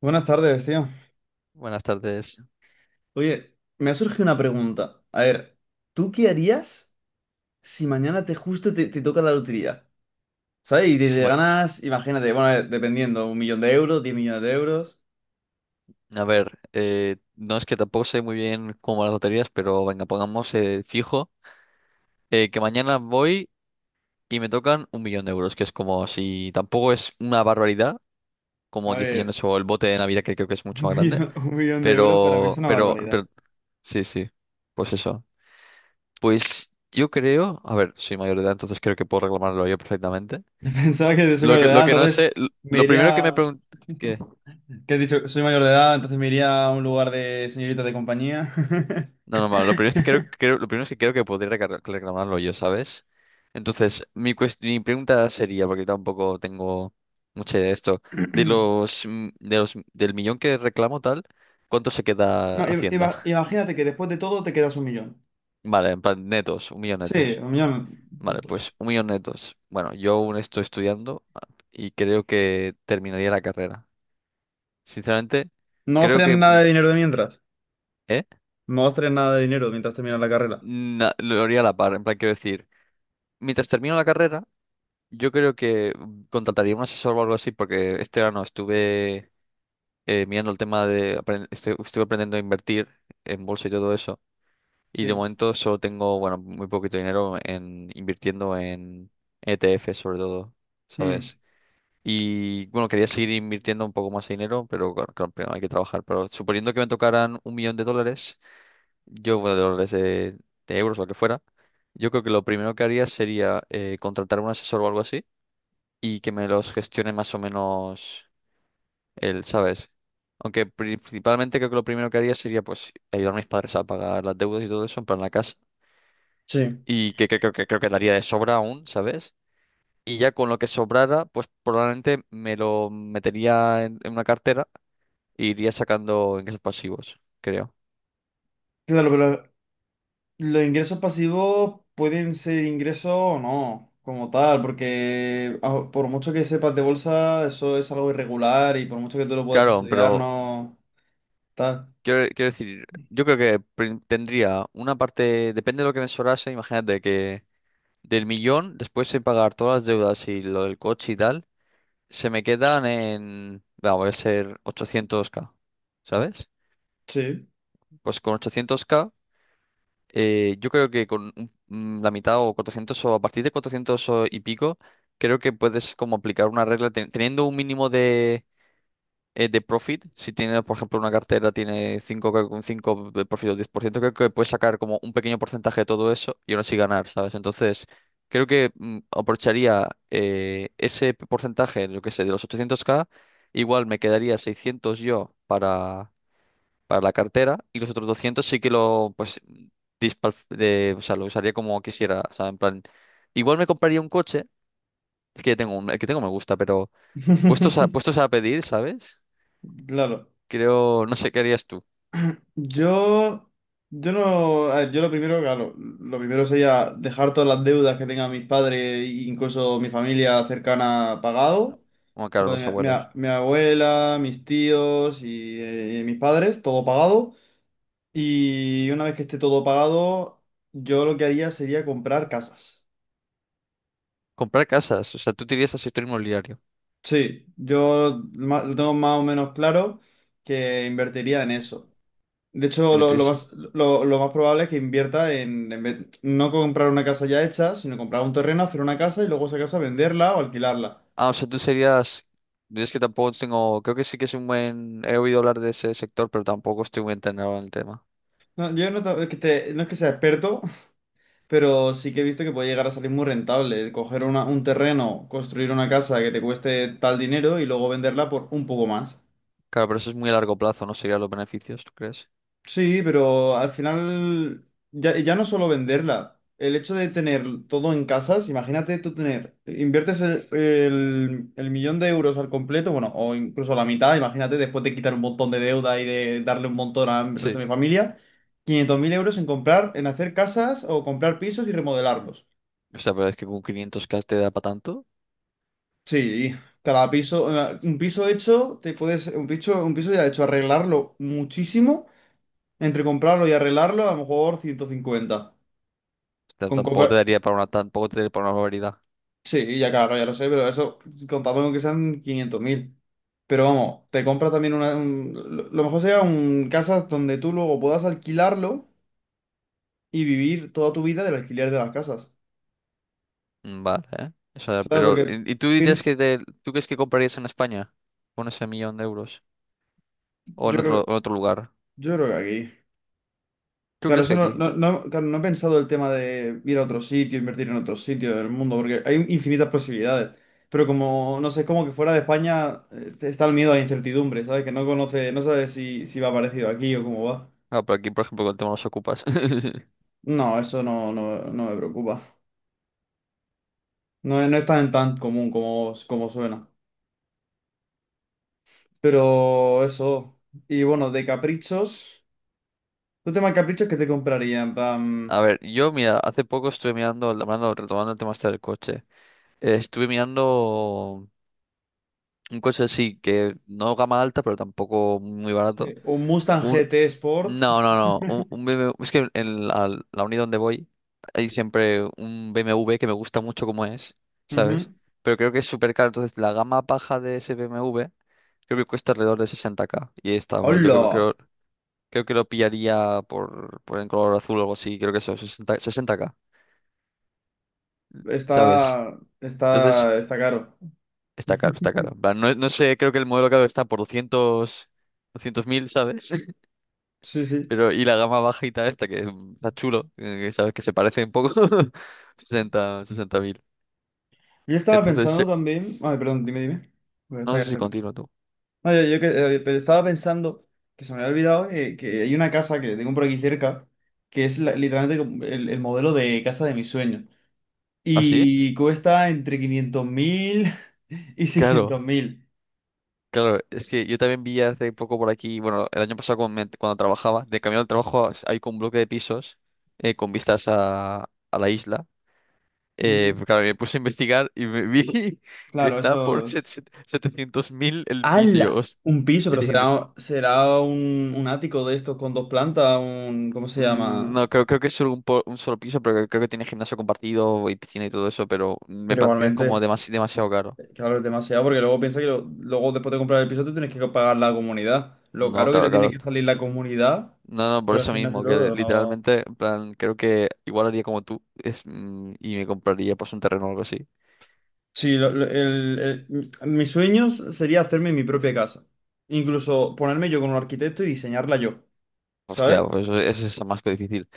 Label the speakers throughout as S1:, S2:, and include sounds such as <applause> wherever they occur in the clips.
S1: Buenas tardes, tío.
S2: Buenas tardes.
S1: Oye, me ha surgido una pregunta. A ver, ¿tú qué harías si mañana te justo te, te toca la lotería? ¿Sabes? Y te,
S2: Sí,
S1: te ganas, imagínate, bueno, a ver, dependiendo, un millón de euros, diez millones de euros.
S2: a ver, no es que tampoco sé muy bien cómo van las loterías, pero venga, pongamos fijo que mañana voy y me tocan un millón de euros, que es como si tampoco es una barbaridad, como
S1: A
S2: 10
S1: ver,
S2: millones o el bote de Navidad, que creo que es mucho
S1: un
S2: más grande,
S1: millón, <laughs> un millón de euros para mí es
S2: pero,
S1: una
S2: pero, pero,
S1: barbaridad.
S2: sí, sí, pues eso. Pues yo creo, a ver, soy mayor de edad, entonces creo que puedo reclamarlo yo perfectamente.
S1: <laughs> Pensaba que soy
S2: Lo
S1: mayor
S2: que,
S1: de
S2: lo
S1: edad,
S2: que no
S1: entonces
S2: sé, lo
S1: me
S2: lo primero que me
S1: iría...
S2: pregunté...
S1: ¿Qué he dicho? Soy mayor de edad, entonces me iría a un lugar de señoritas de compañía. <clears throat>
S2: No, no, vale, lo primero es que creo, lo primero es que creo que podría reclamarlo yo, ¿sabes? Entonces, mi pregunta sería, porque tampoco tengo mucha idea de esto, de
S1: <laughs>
S2: los, mm, de los, del millón que reclamo tal, ¿cuánto se queda
S1: No,
S2: Hacienda? <laughs>
S1: imagínate que después de todo te quedas un millón.
S2: Vale, en plan, netos, un millón
S1: Sí,
S2: netos.
S1: un millón de
S2: Vale, pues
S1: euros.
S2: un millón netos. Bueno, yo aún estoy estudiando y creo que terminaría la carrera. Sinceramente,
S1: No vas a
S2: creo
S1: tener
S2: que,
S1: nada de dinero de mientras.
S2: ¿eh?
S1: No vas a tener nada de dinero mientras terminas la carrera.
S2: Lo haría a la par, en plan, quiero decir, mientras termino la carrera. Yo creo que contrataría un asesor o algo así, porque este verano estuve mirando el tema de, estuve aprendiendo a invertir en bolsa y todo eso, y de
S1: Sí.
S2: momento solo tengo, bueno, muy poquito dinero en invirtiendo en ETF sobre todo,
S1: Mm.
S2: ¿sabes? Y bueno, quería seguir invirtiendo un poco más de dinero, pero claro, claro, primero hay que trabajar. Pero suponiendo que me tocaran un millón de dólares, yo, bueno, de dólares, de euros, lo que fuera, yo creo que lo primero que haría sería contratar un asesor o algo así y que me los gestione más o menos él, ¿sabes? Aunque principalmente creo que lo primero que haría sería pues ayudar a mis padres a pagar las deudas y todo eso, en plan la casa.
S1: Sí.
S2: Y que creo que, daría de sobra aún, ¿sabes? Y ya con lo que sobrara, pues probablemente me lo metería en una cartera e iría sacando ingresos pasivos, creo.
S1: Claro, pero los ingresos pasivos pueden ser ingresos o no, como tal, porque por mucho que sepas de bolsa, eso es algo irregular y por mucho que tú lo puedas
S2: Claro,
S1: estudiar,
S2: pero
S1: no tal.
S2: quiero decir, yo creo que tendría una parte, depende de lo que me sobrase, imagínate que del millón, después de pagar todas las deudas y lo del coche y tal. Se me quedan en, vamos a ser 800K, ¿sabes?
S1: Sí.
S2: Pues con 800K, yo creo que con la mitad o 400 o a partir de 400 o y pico, creo que puedes como aplicar una regla teniendo un mínimo de profit, si tiene, por ejemplo, una cartera, tiene un 5 de profit o 10%, creo que puedes sacar como un pequeño porcentaje de todo eso y aún así ganar, ¿sabes? Entonces, creo que aprovecharía ese porcentaje, lo que sé, de los 800K igual me quedaría 600 yo para, la cartera y los otros 200 sí que lo, pues, o sea, lo usaría como quisiera, o sea, en plan, igual me compraría un coche, es que ya tengo un, el que tengo me gusta, pero
S1: <laughs>
S2: puestos a pedir, ¿sabes?
S1: Claro.
S2: Creo, no sé, ¿qué harías tú?
S1: Yo, yo no, a ver, yo lo primero, claro, lo primero sería dejar todas las deudas que tengan mis padres e incluso mi familia cercana pagado.
S2: Bueno, claro,
S1: Lo de
S2: los abuelos.
S1: mi abuela, mis tíos y mis padres, todo pagado. Y una vez que esté todo pagado, yo lo que haría sería comprar casas.
S2: Comprar casas, o sea, tú te irías al sector inmobiliario.
S1: Sí, lo tengo más o menos claro que invertiría en eso. De
S2: Te
S1: hecho, lo, lo
S2: meterías en-
S1: más, lo, lo más probable es que invierta no comprar una casa ya hecha, sino comprar un terreno, hacer una casa y luego esa casa venderla o alquilarla.
S2: Ah, o sea, tú serías... Yo, es que tampoco tengo... Creo que sí que es un buen... He oído hablar de ese sector, pero tampoco estoy muy enterado en el tema.
S1: No, yo no, es que no es que sea experto, pero sí que he visto que puede llegar a salir muy rentable. Coger un terreno, construir una casa que te cueste tal dinero y luego venderla por un poco más.
S2: Claro, pero eso es muy a largo plazo, ¿no? Serían los beneficios, ¿tú crees?
S1: Sí, pero al final ya no solo venderla. El hecho de tener todo en casas, imagínate tú tener, inviertes el millón de euros al completo, bueno, o incluso la mitad, imagínate después de quitar un montón de deuda y de darle un montón al resto
S2: Sí.
S1: de mi familia, 500.000 euros en comprar, en hacer casas o comprar pisos y remodelarlos.
S2: O sea, pero es que con 500K te da para tanto. O
S1: Sí, cada piso, un piso hecho, un piso ya hecho, arreglarlo muchísimo, entre comprarlo y arreglarlo, a lo mejor 150.
S2: sea,
S1: Con
S2: tampoco
S1: comprar,
S2: te daría para una... Tampoco te daría para una barbaridad.
S1: sí, ya claro, ya lo sé, pero eso, contando con que sean 500.000. Pero vamos, te compras también lo mejor sería un casas donde tú luego puedas alquilarlo y vivir toda tu vida del alquiler de las casas.
S2: Mm, vale, ¿eh? O sea,
S1: ¿Sabes?
S2: pero...
S1: Porque
S2: ¿Y tú dirías
S1: pien-
S2: que... ¿Tú crees que comprarías en España? Con ese millón de euros. O
S1: yo
S2: en
S1: creo,
S2: otro, lugar.
S1: yo creo que aquí.
S2: ¿Tú
S1: Claro,
S2: crees
S1: eso
S2: que
S1: no,
S2: aquí?
S1: claro, no he pensado el tema de ir a otro sitio, invertir en otro sitio del mundo, porque hay infinitas posibilidades. Pero como, no sé, es como que fuera de España está el miedo a la incertidumbre, ¿sabes? Que no conoce, no sabe si, si va parecido aquí o cómo va.
S2: Ah, pero aquí, por ejemplo, con el tema de los ocupas. <laughs>
S1: No, eso no, no, no me preocupa. No, no es tan, tan común como, como suena. Pero eso. Y bueno, de caprichos. ¿Tu tema de caprichos qué te compraría? En
S2: A
S1: plan,
S2: ver, yo, mira, hace poco estuve mirando, hablando, retomando el tema este del coche. Estuve mirando un coche así, que no gama alta, pero tampoco muy
S1: sí,
S2: barato.
S1: un Mustang
S2: Un...
S1: GT Sport.
S2: No, no, no. Un BMW... Es que en la unidad donde voy hay siempre un BMW que me gusta mucho como es,
S1: Ujú.
S2: ¿sabes? Pero creo que es súper caro. Entonces, la gama baja de ese BMW creo que cuesta alrededor de 60K. Y ahí está, y lo que
S1: ¡Hola!
S2: creo, creo que lo pillaría por en color azul o algo así, creo que eso, 60, 60K, ¿sabes?
S1: Está,
S2: Entonces,
S1: está, está caro.
S2: está
S1: <laughs>
S2: caro, está caro. En plan, no, no sé, creo que el modelo caro está por 200, 200 mil, ¿sabes? <laughs>
S1: Sí, sí.
S2: Pero, y la gama bajita esta, que está chulo, que sabes que se parece un poco, <laughs> 60, 60 mil.
S1: Yo estaba
S2: Entonces,
S1: pensando también. Ay, perdón, dime, dime. Bueno, está
S2: no
S1: bien,
S2: sé si
S1: está bien.
S2: continúo tú.
S1: No, yo, pero estaba pensando que se me había olvidado que, hay una casa que tengo por aquí cerca que es literalmente como el modelo de casa de mis sueños.
S2: ¿Ah, sí?
S1: Y cuesta entre 500.000 <laughs> y
S2: Claro.
S1: 600.000.
S2: Claro, es que yo también vi hace poco por aquí, bueno, el año pasado cuando trabajaba, de camino al trabajo hay con un bloque de pisos con vistas a la isla.
S1: Ujú.
S2: Pues claro, me puse a investigar y me vi <laughs> que
S1: Claro, eso.
S2: está por 700 mil el piso. Y yo,
S1: ¡Hala!
S2: "Host-
S1: Un piso, pero
S2: 700".
S1: será, será un ático de estos con dos plantas, un. ¿Cómo se
S2: Mm,
S1: llama?
S2: no, creo, que es solo un, un solo piso, pero creo que tiene gimnasio compartido y piscina y todo eso, pero me
S1: Pero
S2: parecía como
S1: igualmente,
S2: demasiado caro.
S1: claro, es demasiado, porque luego piensa que luego después de comprar el piso tú tienes que pagar la comunidad. Lo
S2: No,
S1: caro que te
S2: claro,
S1: tiene
S2: claro.
S1: que salir la comunidad
S2: No, no, por
S1: por el
S2: eso
S1: gimnasio y
S2: mismo, que
S1: todo, no.
S2: literalmente, en plan, creo que igual haría como tú es, y me compraría pues un terreno o algo así.
S1: Sí, mis sueños sería hacerme mi propia casa. Incluso ponerme yo con un arquitecto y diseñarla yo,
S2: Hostia,
S1: ¿sabes?
S2: pues eso es más que difícil.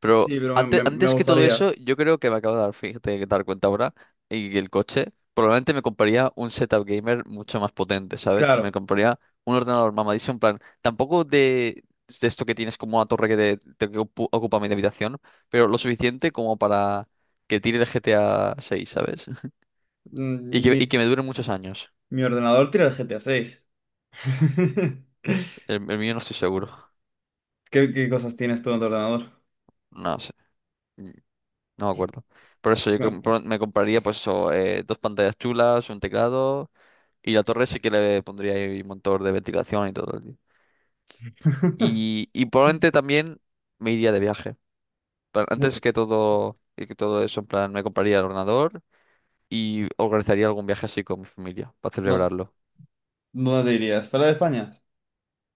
S2: Pero
S1: Sí, pero me, me
S2: antes que todo
S1: gustaría.
S2: eso, yo creo que me acabo de dar, fíjate, de dar cuenta ahora, y el coche, probablemente me compraría un setup gamer mucho más potente, ¿sabes? Me
S1: Claro,
S2: compraría un ordenador mamadísimo, en plan, tampoco de esto que tienes como una torre que, te que ocu- ocupa mi habitación, pero lo suficiente como para que tire el GTA 6, ¿sabes? Y
S1: mm,
S2: que, y
S1: mi,
S2: que me dure muchos años.
S1: mi ordenador tira el G GTA 6. <laughs>
S2: El mío no estoy seguro.
S1: ¿Qué cosas tienes tú en tu ordenador?
S2: No sé. Mm, no me acuerdo. Por eso yo
S1: No.
S2: me compraría, pues eso, dos pantallas chulas, un teclado. Y la torre sí que le pondría ahí un motor de ventilación y todo, tío.
S1: <laughs>
S2: Probablemente también me iría de viaje. Pero antes que todo, eso, en plan, me compraría el ordenador y organizaría algún viaje así con mi familia para
S1: ¿Dó-
S2: celebrarlo.
S1: ¿Dónde te irías? ¿Fuera de España?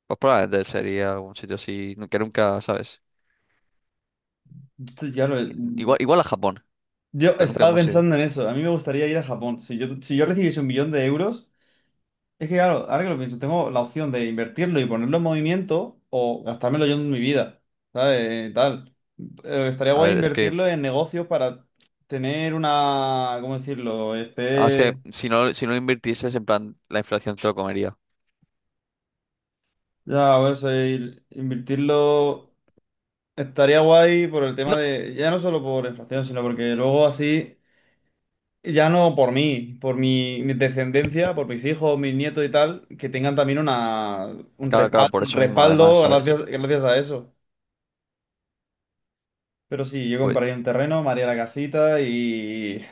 S2: Pues probablemente sería algún sitio así que nunca, ¿sabes?
S1: Sí, claro,
S2: Igual a Japón,
S1: yo
S2: pero nunca
S1: estaba
S2: hemos ido.
S1: pensando en eso. A mí me gustaría ir a Japón. Si yo recibiese un millón de euros, es que claro, ahora que lo pienso, tengo la opción de invertirlo y ponerlo en movimiento o gastármelo yo en mi vida, ¿sabes? Tal. Estaría
S2: A
S1: guay
S2: ver,
S1: invertirlo en negocios para tener una, ¿cómo decirlo?
S2: es que
S1: Este,
S2: si no, invirtieses, en plan, la inflación te lo comería.
S1: ya, a ver, invertirlo estaría guay por el tema
S2: No,
S1: de, ya no solo por inflación, sino porque luego así ya no por mí, por mi descendencia, por mis hijos, mis nietos y tal, que tengan también una,
S2: claro, claro, por
S1: un
S2: eso mismo, además,
S1: respaldo
S2: ¿sabes?
S1: gracias, gracias a eso. Pero sí, yo
S2: Pues,
S1: compraría un terreno, me haría la casita y...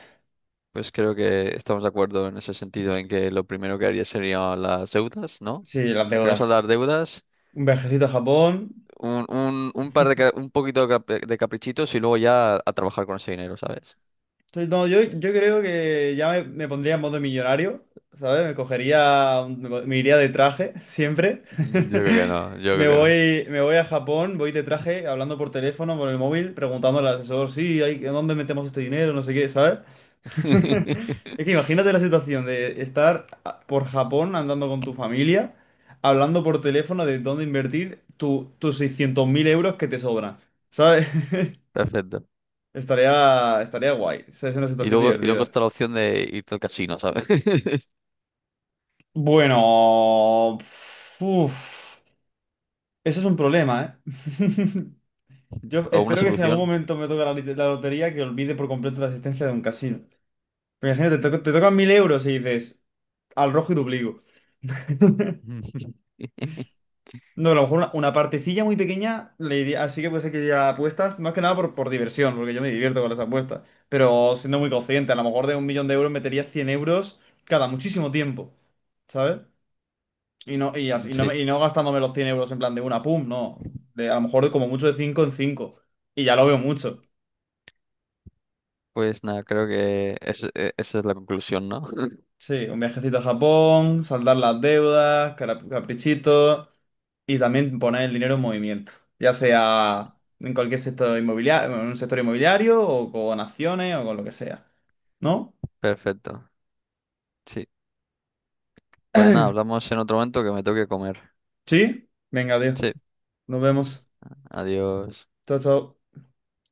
S2: Pues creo que estamos de acuerdo en ese sentido, en que lo primero que haría serían las deudas, ¿no?
S1: Sí, las
S2: Primero
S1: deudas.
S2: saldar deudas,
S1: Un viajecito a Japón.
S2: un par de, un poquito de caprichitos y luego ya a trabajar con ese dinero, ¿sabes? <laughs>
S1: Entonces, no, yo creo que ya me pondría en modo millonario, ¿sabes? Me cogería, me iría de traje, siempre.
S2: Mm, yo creo que
S1: <laughs>
S2: no, yo creo que no.
S1: Me voy a Japón, voy de traje, hablando por teléfono, por el móvil, preguntando al asesor, sí, hay, ¿dónde metemos este dinero? No sé qué, ¿sabes? <laughs>
S2: <laughs>
S1: Es que imagínate la situación de estar por Japón andando con tu familia, hablando por teléfono de dónde invertir tus 600.000 euros que te sobran, ¿sabes? <laughs>
S2: Perfecto.
S1: Estaría, estaría guay, o sea, es una
S2: Y
S1: situación
S2: luego,
S1: divertida.
S2: está la opción de irte al casino, ¿sabes? <laughs>
S1: Bueno, uf, eso es un problema, ¿eh? <laughs> Yo
S2: O una
S1: espero que si en algún
S2: solución.
S1: momento me toca la lotería, que olvide por completo la existencia de un casino. Pero imagínate, te, te tocan 1.000 euros y dices, al rojo y duplico.
S2: Mm. <laughs>
S1: No, a lo mejor una partecilla muy pequeña, le iría- así que puede ser que iría a apuestas, más que nada por diversión, porque yo me divierto con las apuestas. Pero siendo muy consciente, a lo mejor de un millón de euros metería 100 euros cada muchísimo tiempo, ¿sabes? Y no,
S2: Sí,
S1: y no gastándome los 100 euros en plan de una, pum, no. De, a lo mejor de como mucho de cinco en cinco. Y ya lo veo mucho.
S2: pues nada, creo que esa es la conclusión, ¿no? <laughs>
S1: Sí, un viajecito a Japón, saldar las deudas, caprichitos y también poner el dinero en movimiento. Ya sea en cualquier sector inmobiliario, en un sector inmobiliario o con acciones o con lo que sea. ¿No?
S2: Perfecto. Sí. Pues nada, hablamos en otro momento que me toque comer.
S1: ¿Sí? Venga, tío.
S2: Sí.
S1: Nos vemos.
S2: Adiós.
S1: Chao, chao.